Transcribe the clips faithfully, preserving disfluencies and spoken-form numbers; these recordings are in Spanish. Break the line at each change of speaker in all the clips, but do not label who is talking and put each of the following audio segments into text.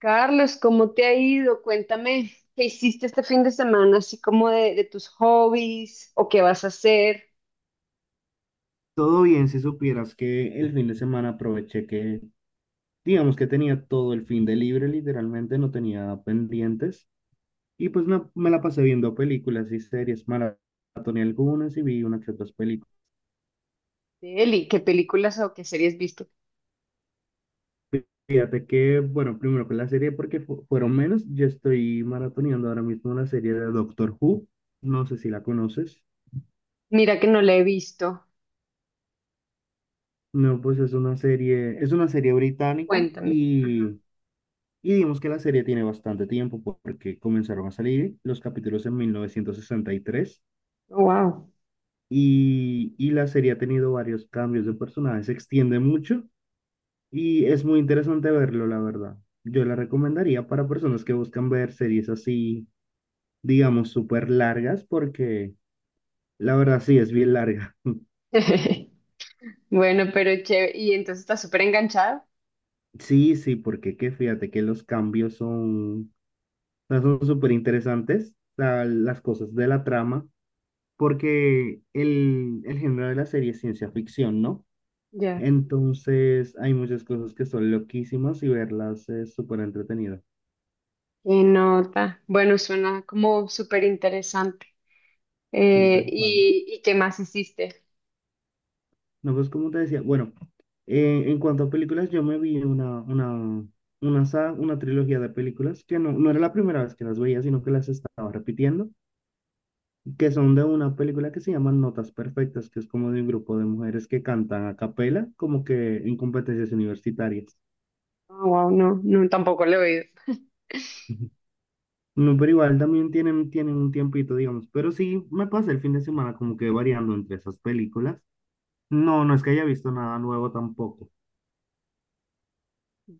Carlos, ¿cómo te ha ido? Cuéntame, ¿qué hiciste este fin de semana? Así como de, de tus hobbies o qué vas a hacer.
Todo bien, si supieras que el fin de semana aproveché que, digamos que tenía todo el fin de libre, literalmente no tenía pendientes, y pues me, me la pasé viendo películas y series, maratoné algunas y vi unas que otras películas.
Eli, ¿qué películas o qué series viste?
Fíjate que, bueno, primero con la serie porque fu- fueron menos, yo estoy maratoneando ahora mismo la serie de Doctor Who, no sé si la conoces.
Mira que no la he visto.
No, pues es una serie, es una serie británica.
Cuéntame. Ajá.
Y Y digamos que la serie tiene bastante tiempo porque comenzaron a salir los capítulos en mil novecientos sesenta y tres.
Wow.
Y, tres y y la serie ha tenido varios cambios de personajes, se extiende mucho y es muy interesante verlo, la verdad. Yo la recomendaría para personas que buscan ver series así, digamos, súper largas porque la verdad sí es bien larga.
Bueno, pero chévere. ¿Y entonces estás súper enganchado?
Sí, sí, porque que fíjate que los cambios son, o sea, son súper interesantes, o sea, las cosas de la trama porque el, el género de la serie es ciencia ficción, ¿no?
Ya.
Entonces hay muchas cosas que son loquísimas y verlas es súper entretenido.
Qué nota. Bueno, suena como súper interesante.
Y
Eh,
tal cual.
¿y, y qué más hiciste?
No, pues como te decía, bueno, eh, en cuanto a películas, yo me vi una, una, una, sa- una trilogía de películas que no, no era la primera vez que las veía, sino que las estaba repitiendo, que son de una película que se llama Notas Perfectas, que es como de un grupo de mujeres que cantan a capela, como que en competencias universitarias.
Wow, no, no, tampoco lo he oído.
No, pero igual también tienen, tienen un tiempito, digamos. Pero sí, me pasé el fin de semana como que variando entre esas películas. No, no es que haya visto nada nuevo tampoco.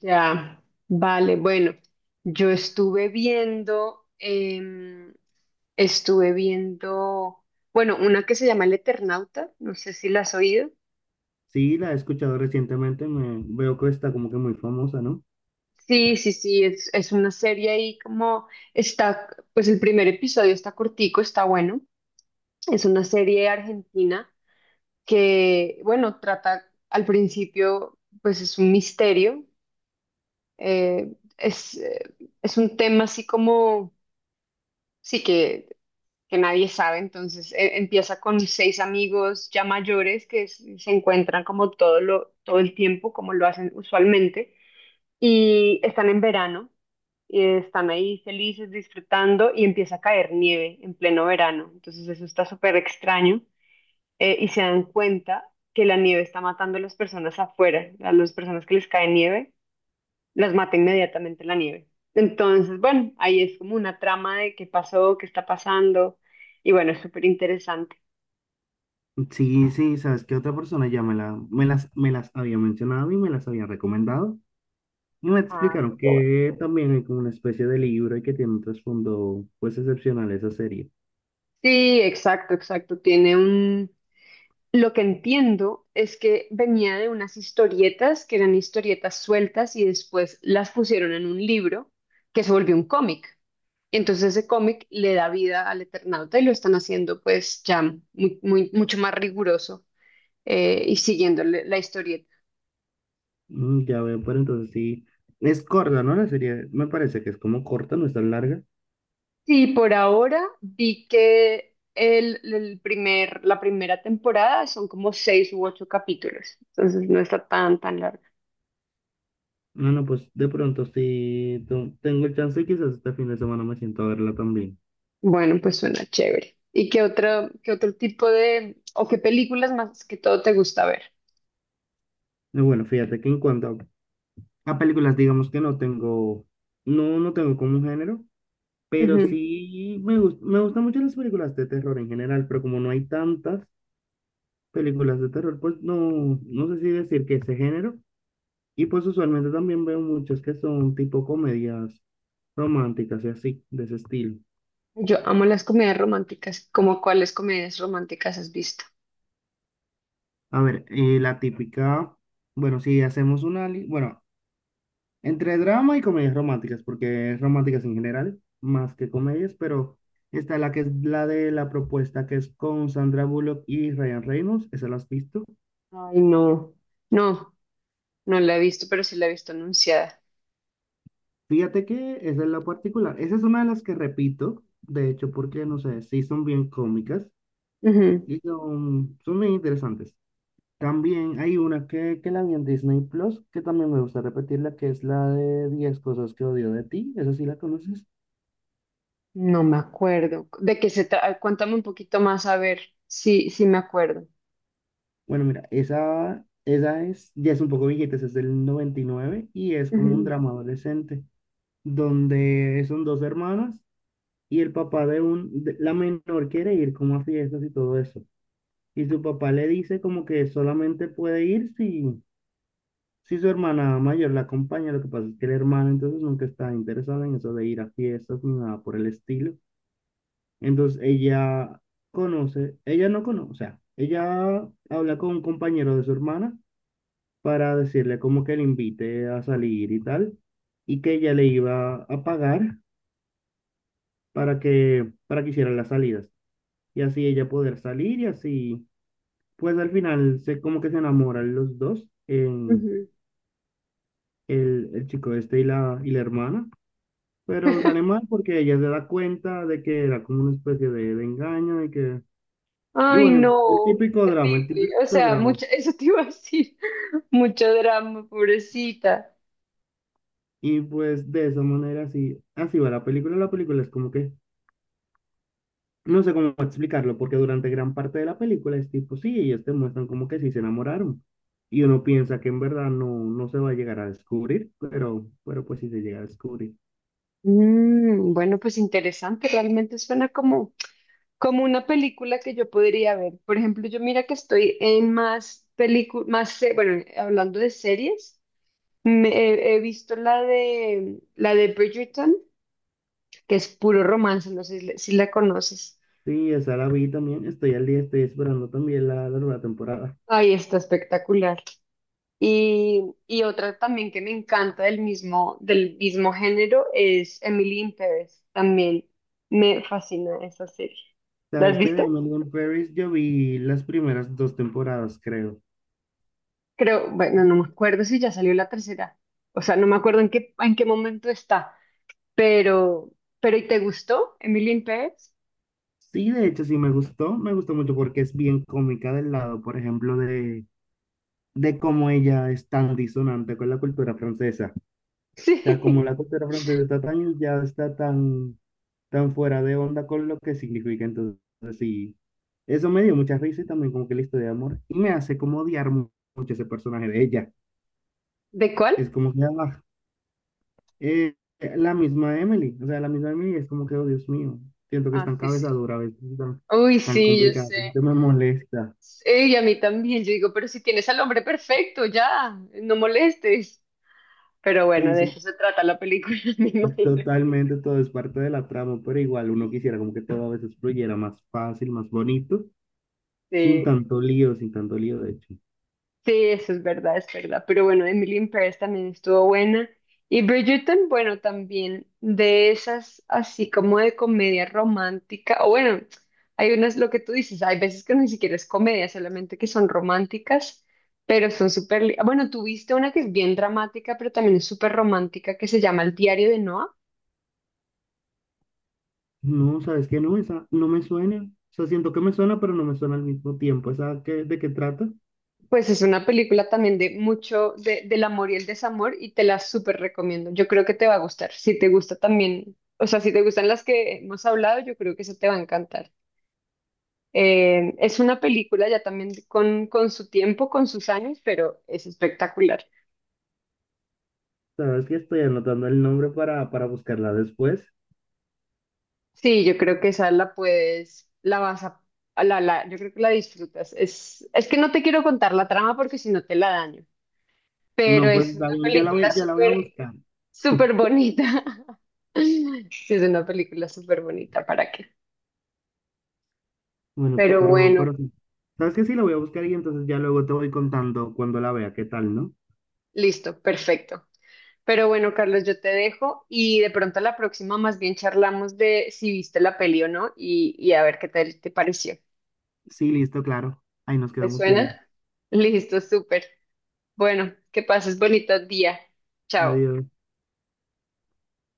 Ya, vale, bueno, yo estuve viendo, em, estuve viendo, bueno, una que se llama El Eternauta, no sé si la has oído.
Sí, la he escuchado recientemente, me veo que está como que muy famosa, ¿no?
Sí, sí, sí, es, es una serie ahí como está, pues el primer episodio está cortico, está bueno. Es una serie argentina que, bueno, trata al principio, pues es un misterio, eh, es, eh, es un tema así como, sí que que nadie sabe. Entonces e- empieza con seis amigos ya mayores que s- se encuentran como todo lo, todo el tiempo, como lo hacen usualmente, y están en verano y están ahí felices, disfrutando, y empieza a caer nieve en pleno verano. Entonces eso está súper extraño, eh, y se dan cuenta que la nieve está matando a las personas afuera, a las personas que les cae nieve las mata inmediatamente la nieve. Entonces, bueno, ahí es como una trama de qué pasó, qué está pasando, y bueno, es súper interesante.
Sí, sí, sabes que otra persona ya me la, me las, me las había mencionado y me las había recomendado. Y me
Ah,
explicaron
pero bueno.
que también hay como una especie de libro y que tiene un trasfondo pues excepcional esa serie.
Sí, exacto, exacto. Tiene un... Lo que entiendo es que venía de unas historietas que eran historietas sueltas y después las pusieron en un libro que se volvió un cómic. Entonces ese cómic le da vida al Eternauta y lo están haciendo pues ya muy, muy- mucho más riguroso, eh, y siguiendo la historieta.
Mm, ya veo, pero entonces sí, es corta, ¿no? La serie me parece que es como corta, no es tan larga.
Sí, por ahora vi que el, el primer, la primera temporada son como seis u ocho capítulos, entonces no está tan, tan larga.
No, no, pues de pronto si tengo el chance, quizás este fin de semana me siento a verla también.
Bueno, pues suena chévere. ¿Y qué otro, qué otro tipo de, o qué películas más que todo te gusta ver?
Y bueno, fíjate que en cuanto a, a películas, digamos que no tengo, no, no tengo como un género, pero
Ujú.
sí me gus- me gustan mucho las películas de terror en general, pero como no hay tantas películas de terror, pues no, no sé si decir que ese género. Y pues usualmente también veo muchas que son tipo comedias románticas y así, de ese estilo.
Yo amo las comedias románticas. ¿Cómo cuáles comedias románticas has visto?
A ver, eh, la típica, bueno, si hacemos una, li- bueno. Entre drama y comedias románticas, porque es románticas en general, más que comedias, pero está la que es la de la propuesta, que es con Sandra Bullock y Ryan Reynolds, esa la has visto.
Ay, no, no, no la he visto, pero sí la he visto anunciada.
Fíjate que esa es la particular, esa es una de las que repito, de hecho, porque no sé, sí son bien cómicas
Ujú.
y son, son bien interesantes. También hay una que, que la vi en Disney Plus, que también me gusta repetirla, que es la de diez cosas que odio de ti, esa sí la conoces.
No me acuerdo. ¿De qué se trata? Cuéntame un poquito más a ver si, si me acuerdo.
Bueno, mira, esa, esa es, ya es un poco viejita, esa es del noventa y nueve y nueve y es como un
Ujú,
drama adolescente, donde son dos hermanas y el papá de un, de- la menor quiere ir como a fiestas y todo eso. Y su papá le dice como que solamente puede ir si, si su hermana mayor la acompaña. Lo que pasa es que la hermana entonces nunca está interesada en eso de ir a fiestas ni nada por el estilo. Entonces ella conoce, ella no conoce, o sea, ella habla con un compañero de su hermana para decirle como que le invite a salir y tal, y que ella le iba a pagar para que, para que hicieran las salidas, y así ella poder salir y así, pues al final se como que se enamoran los dos, en
ujú.
el, el chico este y la, y la hermana, pero sale mal porque ella se da cuenta de que era como una especie de, de engaño y que, y
Ay,
bueno, el
no,
típico drama, el
terrible.
típico
O sea,
drama.
mucha eso te iba a decir, mucho drama, pobrecita.
Y pues de esa manera así, así va la película. La película es como que. No sé cómo explicarlo, porque durante gran parte de la película es tipo, sí, ellos te muestran como que sí se enamoraron. Y uno piensa que en verdad no, no se va a llegar a descubrir, pero, pero pues sí se llega a descubrir.
Mm, bueno, pues interesante, realmente suena como, como una película que yo podría ver. Por ejemplo, yo mira que estoy en más películas, más, se- bueno, hablando de series, me- he, he visto la de, la de Bridgerton, que es puro romance, no sé si la si la conoces.
Sí, esa la vi también, estoy al día, estoy esperando también la, la nueva temporada.
Ay, está espectacular. Y, y otra también que me encanta del mismo, del mismo género es Emily in Paris. También me fascina esa serie. ¿La has
¿Sabes qué? De
visto?
Emily in Paris yo vi las primeras dos temporadas, creo.
Creo, bueno, no me acuerdo si ya salió la tercera. O sea, no me acuerdo en qué, en qué momento está. Pero, pero ¿y te gustó Emily in Paris?
Sí, de hecho sí me gustó, me gustó mucho porque es bien cómica del lado, por ejemplo, de, de cómo ella es tan disonante con la cultura francesa. O sea, como
Sí.
la costa de la frontera de Tataño ya está tan, tan fuera de onda con lo que significa. Entonces, sí, eso me dio mucha risa y también como que la historia de amor. Y me hace como odiar mu- mucho ese personaje de ella.
¿De cuál?
Es como que ah, eh, la misma Emily. O sea, la misma Emily es como que, oh Dios mío, siento que es
Ah,
tan
sí, sí.
cabezadura a veces, tan,
Uy,
tan
sí, yo
complicada,
sé.
como que me molesta.
Sí, y a mí también. Yo digo, pero si tienes al hombre perfecto, ya, no molestes. Pero bueno,
Y
de
sí,
eso se trata la película, me imagino.
totalmente todo es parte de la trama, pero igual uno quisiera como que todo a veces fluyera más fácil, más bonito. Sin
Sí,
tanto lío, sin tanto lío, de hecho.
sí, eso es verdad, es verdad. Pero bueno, Emily in Paris también estuvo buena. Y Bridgerton, bueno, también de esas, así como de comedia romántica. O bueno, hay unas, lo que tú dices, hay veces que ni siquiera es comedia, solamente que son románticas, pero son súper... li- Bueno, tú viste una que es bien dramática, pero también es súper romántica, que se llama El diario de Noah.
No, ¿sabes qué? No, esa no me suena. O sea, siento que me suena, pero no me suena al mismo tiempo. ¿Esa qué, de qué trata?
Pues es una película también de mucho de, del amor y el desamor y te la súper recomiendo. Yo creo que te va a gustar. Si te gusta también, o sea, si te gustan las que hemos hablado, yo creo que eso te va a encantar. Eh, es una película ya también con, con su tiempo, con sus años, pero es espectacular.
¿Sabes que Estoy anotando el nombre para, para, buscarla después?
Sí, yo creo que esa la puedes, la vas a, a la, la, yo creo que la disfrutas. Es, es que no te quiero contar la trama porque si no te la daño, pero
No, pues
es
está
una
bien, yo la
película
voy, yo la voy a
súper,
buscar.
súper bonita. Sí, es una película súper bonita, ¿para qué?
Bueno,
Pero
pero,
bueno,
pero sí. ¿Sabes qué? Sí, la voy a buscar y entonces ya luego te voy contando cuando la vea, qué tal, ¿no?
listo, perfecto. Pero bueno, Carlos, yo te dejo y de pronto la próxima más bien charlamos de si viste la peli o no y, y a ver qué te te pareció.
Sí, listo, claro. Ahí nos
¿Te
quedamos viendo.
suena? Listo, súper. Bueno, que pases bonito día. Chao.
Adiós.